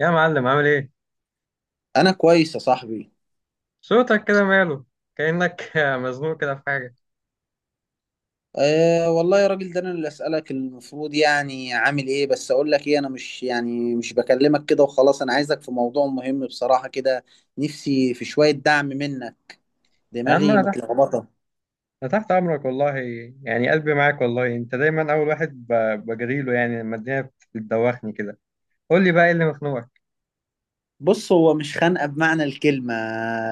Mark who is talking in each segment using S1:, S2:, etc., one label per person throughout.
S1: يا معلم، عامل ايه؟
S2: انا كويس يا صاحبي.
S1: صوتك كده ماله؟ كأنك مزنوق كده في حاجة.
S2: أه والله يا راجل، ده انا اللي اسالك المفروض، يعني عامل ايه؟ بس اقول لك ايه، انا مش بكلمك كده وخلاص، انا عايزك في موضوع مهم بصراحة كده. نفسي في شوية دعم منك.
S1: يا عم
S2: دماغي
S1: انا تحت،
S2: متلخبطة.
S1: انا تحت امرك والله. يعني قلبي معاك والله، انت دايما اول واحد بجري له يعني لما الدنيا بتدوخني كده. قول لي بقى ايه اللي مخنوقك؟
S2: بص، هو مش خانقة بمعنى الكلمة،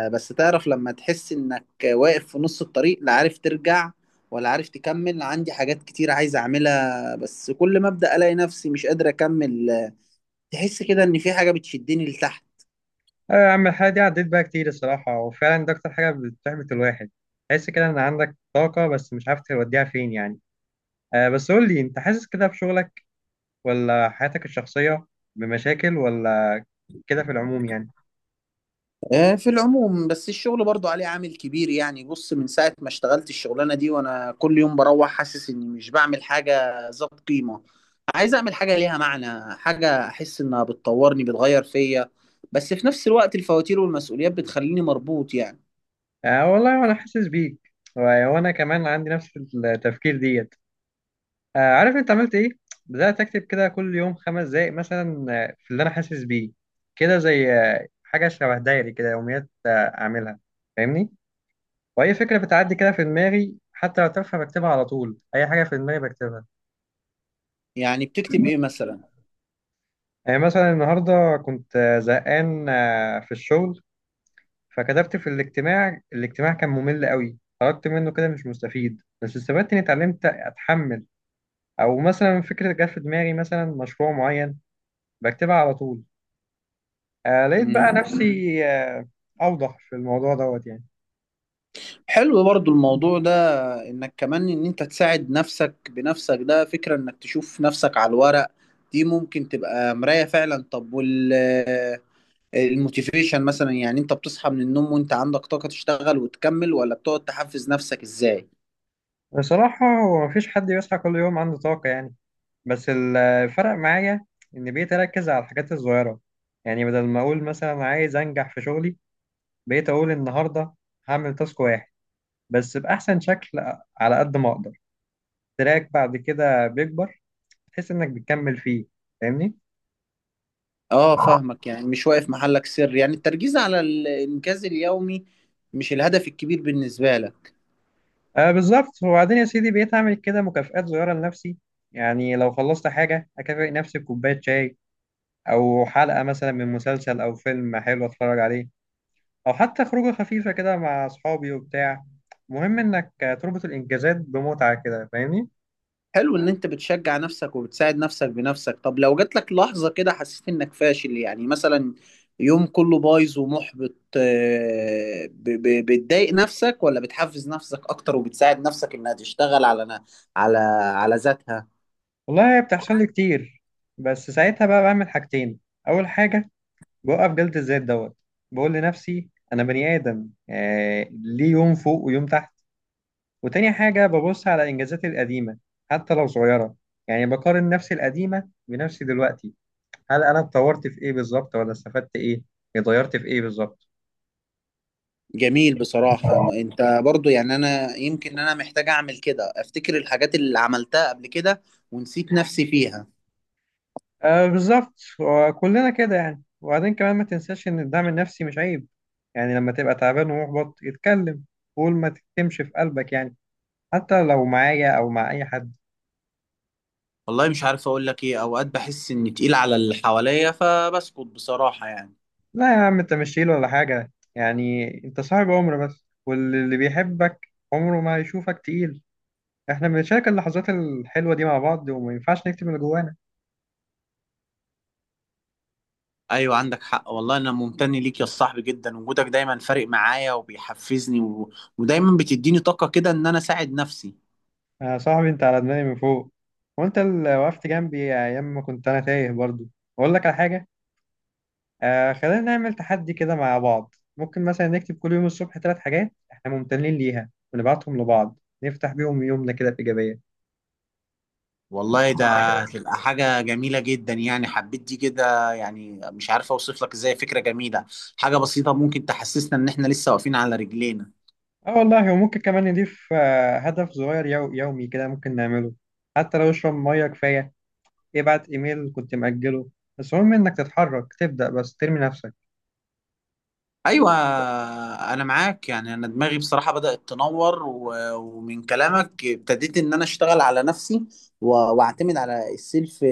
S2: بس تعرف لما تحس انك واقف في نص الطريق، لا عارف ترجع ولا عارف تكمل. عندي حاجات كتير عايز اعملها، بس كل ما ابدا الاقي نفسي مش قادر اكمل. تحس كده ان في حاجة بتشدني لتحت.
S1: اه يا عم، الحاجة دي عديت بقى كتير الصراحة، وفعلا ده اكتر حاجة بتحبط الواحد. تحس كده ان عندك طاقة بس مش عارف توديها فين يعني. آه، بس قول لي انت حاسس كده في شغلك ولا حياتك الشخصية، بمشاكل ولا كده في العموم يعني؟
S2: آه، في العموم، بس الشغل برضو عليه عامل كبير يعني. بص، من ساعة ما اشتغلت الشغلانة دي وانا كل يوم بروح حاسس اني مش بعمل حاجة ذات قيمة. عايز اعمل حاجة ليها معنى، حاجة احس انها بتطورني، بتغير فيا، بس في نفس الوقت الفواتير والمسؤوليات بتخليني مربوط يعني.
S1: آه والله وانا حاسس بيك، وانا كمان عندي نفس التفكير ديت. آه عارف انت عملت ايه؟ بدات اكتب كده كل يوم 5 دقايق مثلا، في اللي انا حاسس بيه، كده زي حاجه شبه دايري كده، يوميات اعملها، فاهمني؟ واي فكره بتعدي كده في دماغي حتى لو تافهه بكتبها على طول، اي حاجه في دماغي بكتبها.
S2: يعني بتكتب ايه مثلا؟
S1: يعني مثلا النهارده كنت زهقان في الشغل، فكتبت في الاجتماع كان ممل قوي، خرجت منه كده مش مستفيد، بس استفدت اني اتعلمت اتحمل. او مثلا فكره جت في دماغي، مثلا مشروع معين، بكتبها على طول. آه لقيت بقى
S2: مم.
S1: نفسي اوضح في الموضوع دوت يعني.
S2: حلو برضو الموضوع ده، انك كمان ان انت تساعد نفسك بنفسك، ده فكرة انك تشوف نفسك على الورق، دي ممكن تبقى مراية فعلا. طب الموتيفيشن مثلا؟ يعني انت بتصحى من النوم وانت عندك طاقة تشتغل وتكمل، ولا بتقعد تحفز نفسك ازاي؟
S1: بصراحه هو مفيش حد بيصحى كل يوم عنده طاقه يعني، بس الفرق معايا ان بقيت اركز على الحاجات الصغيره. يعني بدل ما اقول مثلا عايز انجح في شغلي، بقيت اقول النهارده هعمل تاسك واحد، بس باحسن شكل على قد ما اقدر. تراك بعد كده بيكبر، تحس انك بتكمل فيه، فاهمني؟
S2: اه فاهمك، يعني مش واقف محلك سر، يعني التركيز على الانجاز اليومي مش الهدف الكبير بالنسبة لك.
S1: آه بالظبط. وبعدين يا سيدي بقيت أعمل كده مكافآت صغيرة لنفسي. يعني لو خلصت حاجة أكافئ نفسي بكوباية شاي، أو حلقة مثلا من مسلسل، أو فيلم حلو أتفرج عليه، أو حتى خروجة خفيفة كده مع أصحابي وبتاع. مهم إنك تربط الإنجازات بمتعة كده، فاهمني؟
S2: حلو ان انت بتشجع نفسك وبتساعد نفسك بنفسك. طب لو جات لك لحظة كده حسيت انك فاشل، يعني مثلا يوم كله بايظ ومحبط، بتضايق نفسك، ولا بتحفز نفسك اكتر وبتساعد نفسك انها تشتغل على على على ذاتها؟
S1: والله هي بتحصل لي كتير، بس ساعتها بقى بعمل حاجتين. أول حاجة، بوقف جلد الذات دوت، بقول لنفسي أنا بني آدم ليه يوم فوق ويوم تحت. وتاني حاجة ببص على إنجازاتي القديمة حتى لو صغيرة، يعني بقارن نفسي القديمة بنفسي دلوقتي، هل أنا اتطورت في إيه بالظبط، ولا استفدت إيه، اتغيرت في إيه بالظبط.
S2: جميل بصراحة. ما انت برضو يعني، انا يمكن انا محتاج اعمل كده، افتكر الحاجات اللي عملتها قبل كده ونسيت نفسي فيها.
S1: آه بالظبط، وكلنا كده يعني. وبعدين كمان ما تنساش إن الدعم النفسي مش عيب. يعني لما تبقى تعبان ومحبط اتكلم، قول، ما تكتمش في قلبك يعني، حتى لو معايا أو مع أي حد.
S2: والله مش عارف اقول لك ايه، اوقات بحس اني تقيل على اللي حواليا فبسكت بصراحة يعني.
S1: لا يا عم، أنت مش شايل ولا حاجة يعني، أنت صاحب عمر، بس واللي بيحبك عمره ما هيشوفك تقيل. احنا بنشارك اللحظات الحلوة دي مع بعض، وما ينفعش نكتب اللي جوانا.
S2: ايوه، عندك حق والله. انا ممتن ليك يا صاحبي جدا، وجودك دايما فارق معايا وبيحفزني ودايما بتديني طاقة كده ان انا اساعد نفسي.
S1: يا صاحبي انت على دماغي من فوق، وانت اللي وقفت جنبي ايام ما كنت انا تايه برضو. اقول لك على حاجة، آه خلينا نعمل تحدي كده مع بعض. ممكن مثلا نكتب كل يوم الصبح ثلاث حاجات احنا ممتنين ليها، ونبعتهم لبعض، نفتح بيهم يومنا كده بإيجابية.
S2: والله ده, هتبقى حاجة جميلة جدا يعني، حبيت دي كده، يعني مش عارف اوصف لك ازاي، فكرة جميلة. حاجة بسيطة ممكن تحسسنا ان احنا لسه واقفين على رجلينا.
S1: اه والله، وممكن كمان نضيف هدف صغير يومي كده ممكن نعمله. حتى لو اشرب مية كفاية، ابعت ايميل كنت مأجله. بس المهم انك تتحرك، تبدأ بس، ترمي نفسك.
S2: ايوه، انا معاك. يعني انا دماغي بصراحة بدأت تنور، ومن كلامك ابتديت ان انا اشتغل على نفسي و- واعتمد على السيلف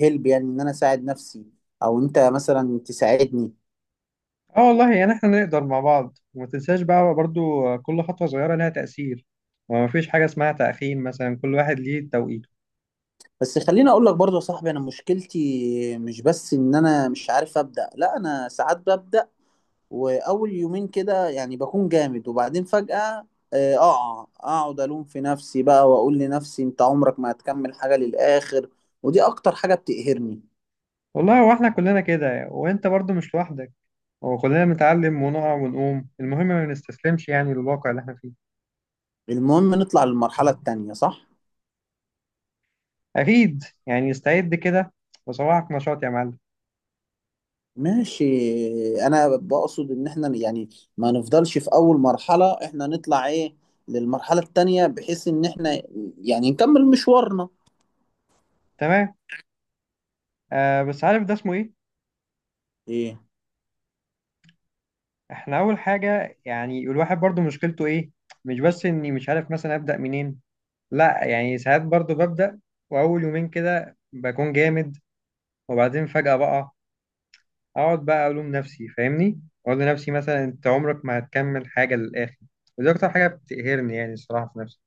S2: هيلب، يعني ان انا اساعد نفسي او انت مثلا تساعدني.
S1: اه والله يعني احنا نقدر مع بعض. وما تنساش بقى برضو، كل خطوة صغيرة لها تأثير، وما فيش حاجة اسمها تأخير مثلا، كل واحد ليه توقيته.
S2: بس خليني اقول لك برضه يا صاحبي، انا مشكلتي مش بس ان انا مش عارف ابدأ، لا انا ساعات ببدأ، واول يومين كده يعني بكون جامد، وبعدين فجأة اقع، اقعد الوم في نفسي بقى واقول لنفسي انت عمرك ما هتكمل حاجة للآخر، ودي اكتر حاجة بتقهرني.
S1: والله هو احنا كلنا كده، وانت برضو مش لوحدك. هو كلنا بنتعلم ونقع ونقوم، المهم ما نستسلمش يعني للواقع اللي احنا فيه.
S2: المهم نطلع للمرحلة التانية، صح؟
S1: أكيد يعني، استعد كده، وصباحك نشاط يا معلم.
S2: ماشي. انا بقصد ان احنا يعني ما نفضلش في اول مرحلة، احنا نطلع ايه للمرحلة التانية، بحيث ان احنا يعني نكمل مشوارنا.
S1: تمام. آه بس عارف ده اسمه ايه؟
S2: ايه؟
S1: احنا أول حاجة يعني الواحد برضو مشكلته ايه؟ مش بس اني مش عارف مثلا أبدأ منين، لا يعني ساعات برضو ببدأ، وأول يومين كده بكون جامد، وبعدين فجأة بقى أقعد بقى ألوم نفسي، فاهمني؟ أقول لنفسي مثلا، أنت عمرك ما هتكمل حاجة للآخر. ودي أكتر حاجة بتقهرني يعني، الصراحة في نفسي.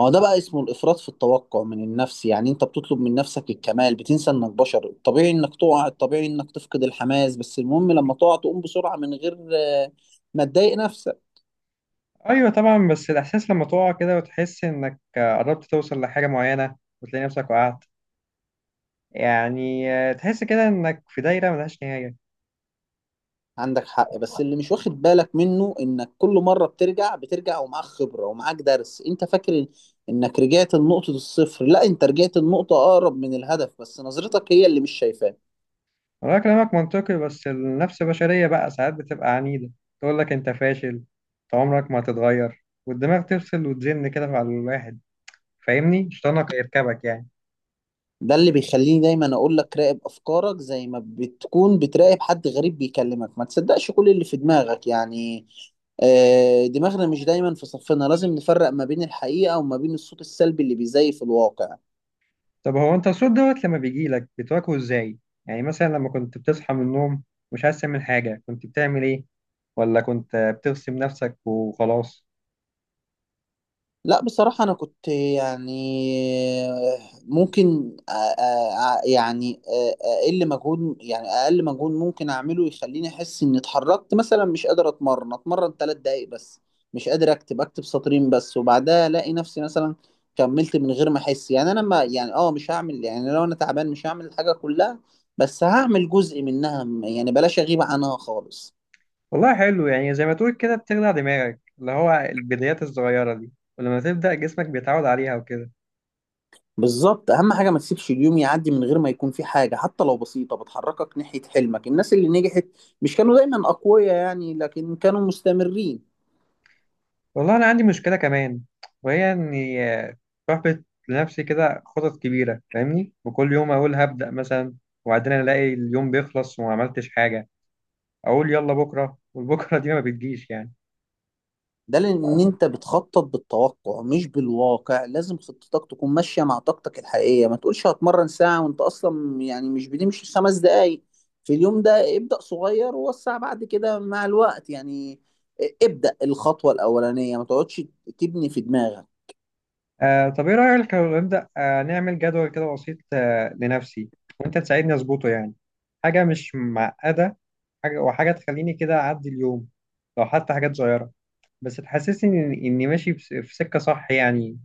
S2: هو ده بقى اسمه الإفراط في التوقع من النفس، يعني أنت بتطلب من نفسك الكمال، بتنسى إنك بشر، الطبيعي إنك تقع، الطبيعي إنك تفقد الحماس، بس المهم لما تقع تقوم بسرعة من غير ما تضايق نفسك.
S1: أيوة طبعا، بس الإحساس لما تقع كده وتحس إنك قربت توصل لحاجة معينة، وتلاقي نفسك وقعت، يعني تحس كده إنك في دايرة ملهاش نهاية.
S2: عندك حق، بس اللي مش واخد بالك منه إنك كل مرة بترجع ومعاك خبرة ومعاك درس. أنت فاكر إنك رجعت لنقطة الصفر، لا أنت رجعت لنقطة أقرب من الهدف، بس نظرتك هي اللي مش شايفاه.
S1: انا كلامك منطقي، بس النفس البشرية بقى ساعات بتبقى عنيدة، تقول لك انت فاشل، انت عمرك ما هتتغير، والدماغ تفصل وتزن كده على الواحد، فاهمني؟ شيطانك يركبك يعني.
S2: ده اللي بيخليني دايما اقول لك راقب افكارك زي ما بتكون بتراقب حد غريب بيكلمك، ما تصدقش كل اللي في دماغك يعني. دماغنا مش دايما في صفنا، لازم نفرق ما بين الحقيقة وما بين الصوت السلبي اللي بيزيف الواقع.
S1: طب هو انت الصوت دوت لما بيجي لك بتواجهه ازاي؟ يعني مثلا لما كنت بتصحى من النوم مش عايز تعمل حاجة، كنت بتعمل ايه؟ ولا كنت بترسم نفسك وخلاص؟
S2: لا بصراحة أنا كنت يعني ممكن يعني أقل مجهود، يعني أقل مجهود ممكن أعمله يخليني أحس إني اتحركت. مثلا مش قادر أتمرن 3 دقايق بس، مش قادر أكتب سطرين بس، وبعدها ألاقي نفسي مثلا كملت من غير ما أحس. يعني أنا ما يعني مش هعمل، يعني لو أنا تعبان مش هعمل الحاجة كلها بس هعمل جزء منها، يعني بلاش أغيب عنها خالص.
S1: والله حلو يعني، زي ما تقول كده بتخدع دماغك، اللي هو البدايات الصغيرة دي، ولما تبدأ جسمك بيتعود عليها وكده.
S2: بالظبط، اهم حاجه ما تسيبش اليوم يعدي من غير ما يكون في حاجه، حتى لو بسيطه، بتحركك ناحيه حلمك. الناس اللي نجحت مش كانوا دايما اقوياء يعني، لكن كانوا مستمرين.
S1: والله أنا عندي مشكلة كمان، وهي إني بحبط لنفسي كده خطط كبيرة فاهمني، وكل يوم أقول هبدأ مثلا، وبعدين ألاقي اليوم بيخلص وما عملتش حاجة. أقول يلا بكرة، والبكرة دي ما بتجيش يعني.
S2: ده لان انت بتخطط بالتوقع مش بالواقع، لازم خطتك تكون ماشيه مع طاقتك الحقيقيه، ما تقولش هتمرن ساعه وانت اصلا يعني مش بتمشي 5 دقايق في اليوم. ده ابدا صغير ووسع بعد كده مع الوقت يعني. ابدا الخطوه الاولانيه، ما تقعدش تبني في دماغك.
S1: آه طب إيه رأيك لو نبدأ نعمل جدول كده بسيط لنفسي، وأنت تساعدني أظبطه يعني. حاجة مش معقدة، حاجة وحاجة تخليني كده أعدي اليوم، لو حتى حاجات صغيرة، بس تحسسني إني ماشي في سكة صح يعني.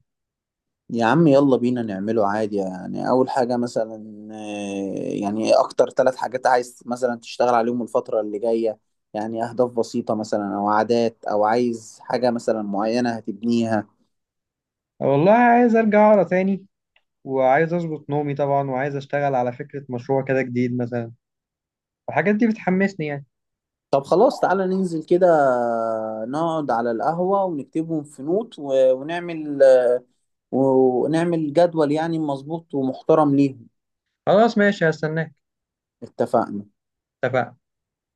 S2: يا عم يلا بينا نعمله عادي يعني. أول حاجة مثلا، يعني أكتر ثلاث حاجات عايز مثلا تشتغل عليهم الفترة اللي جاية، يعني أهداف بسيطة مثلا، أو عادات، أو عايز حاجة مثلا معينة هتبنيها.
S1: والله عايز أرجع أقرأ تاني، وعايز اظبط نومي طبعا، وعايز اشتغل على فكرة مشروع كده جديد مثلا. والحاجات دي بتحمسني يعني.
S2: طب خلاص، تعالى ننزل كده، نقعد على القهوة ونكتبهم في نوت، ونعمل جدول يعني مظبوط ومحترم ليهم.
S1: خلاص ماشي، هستناك.
S2: اتفقنا.
S1: اتفقنا.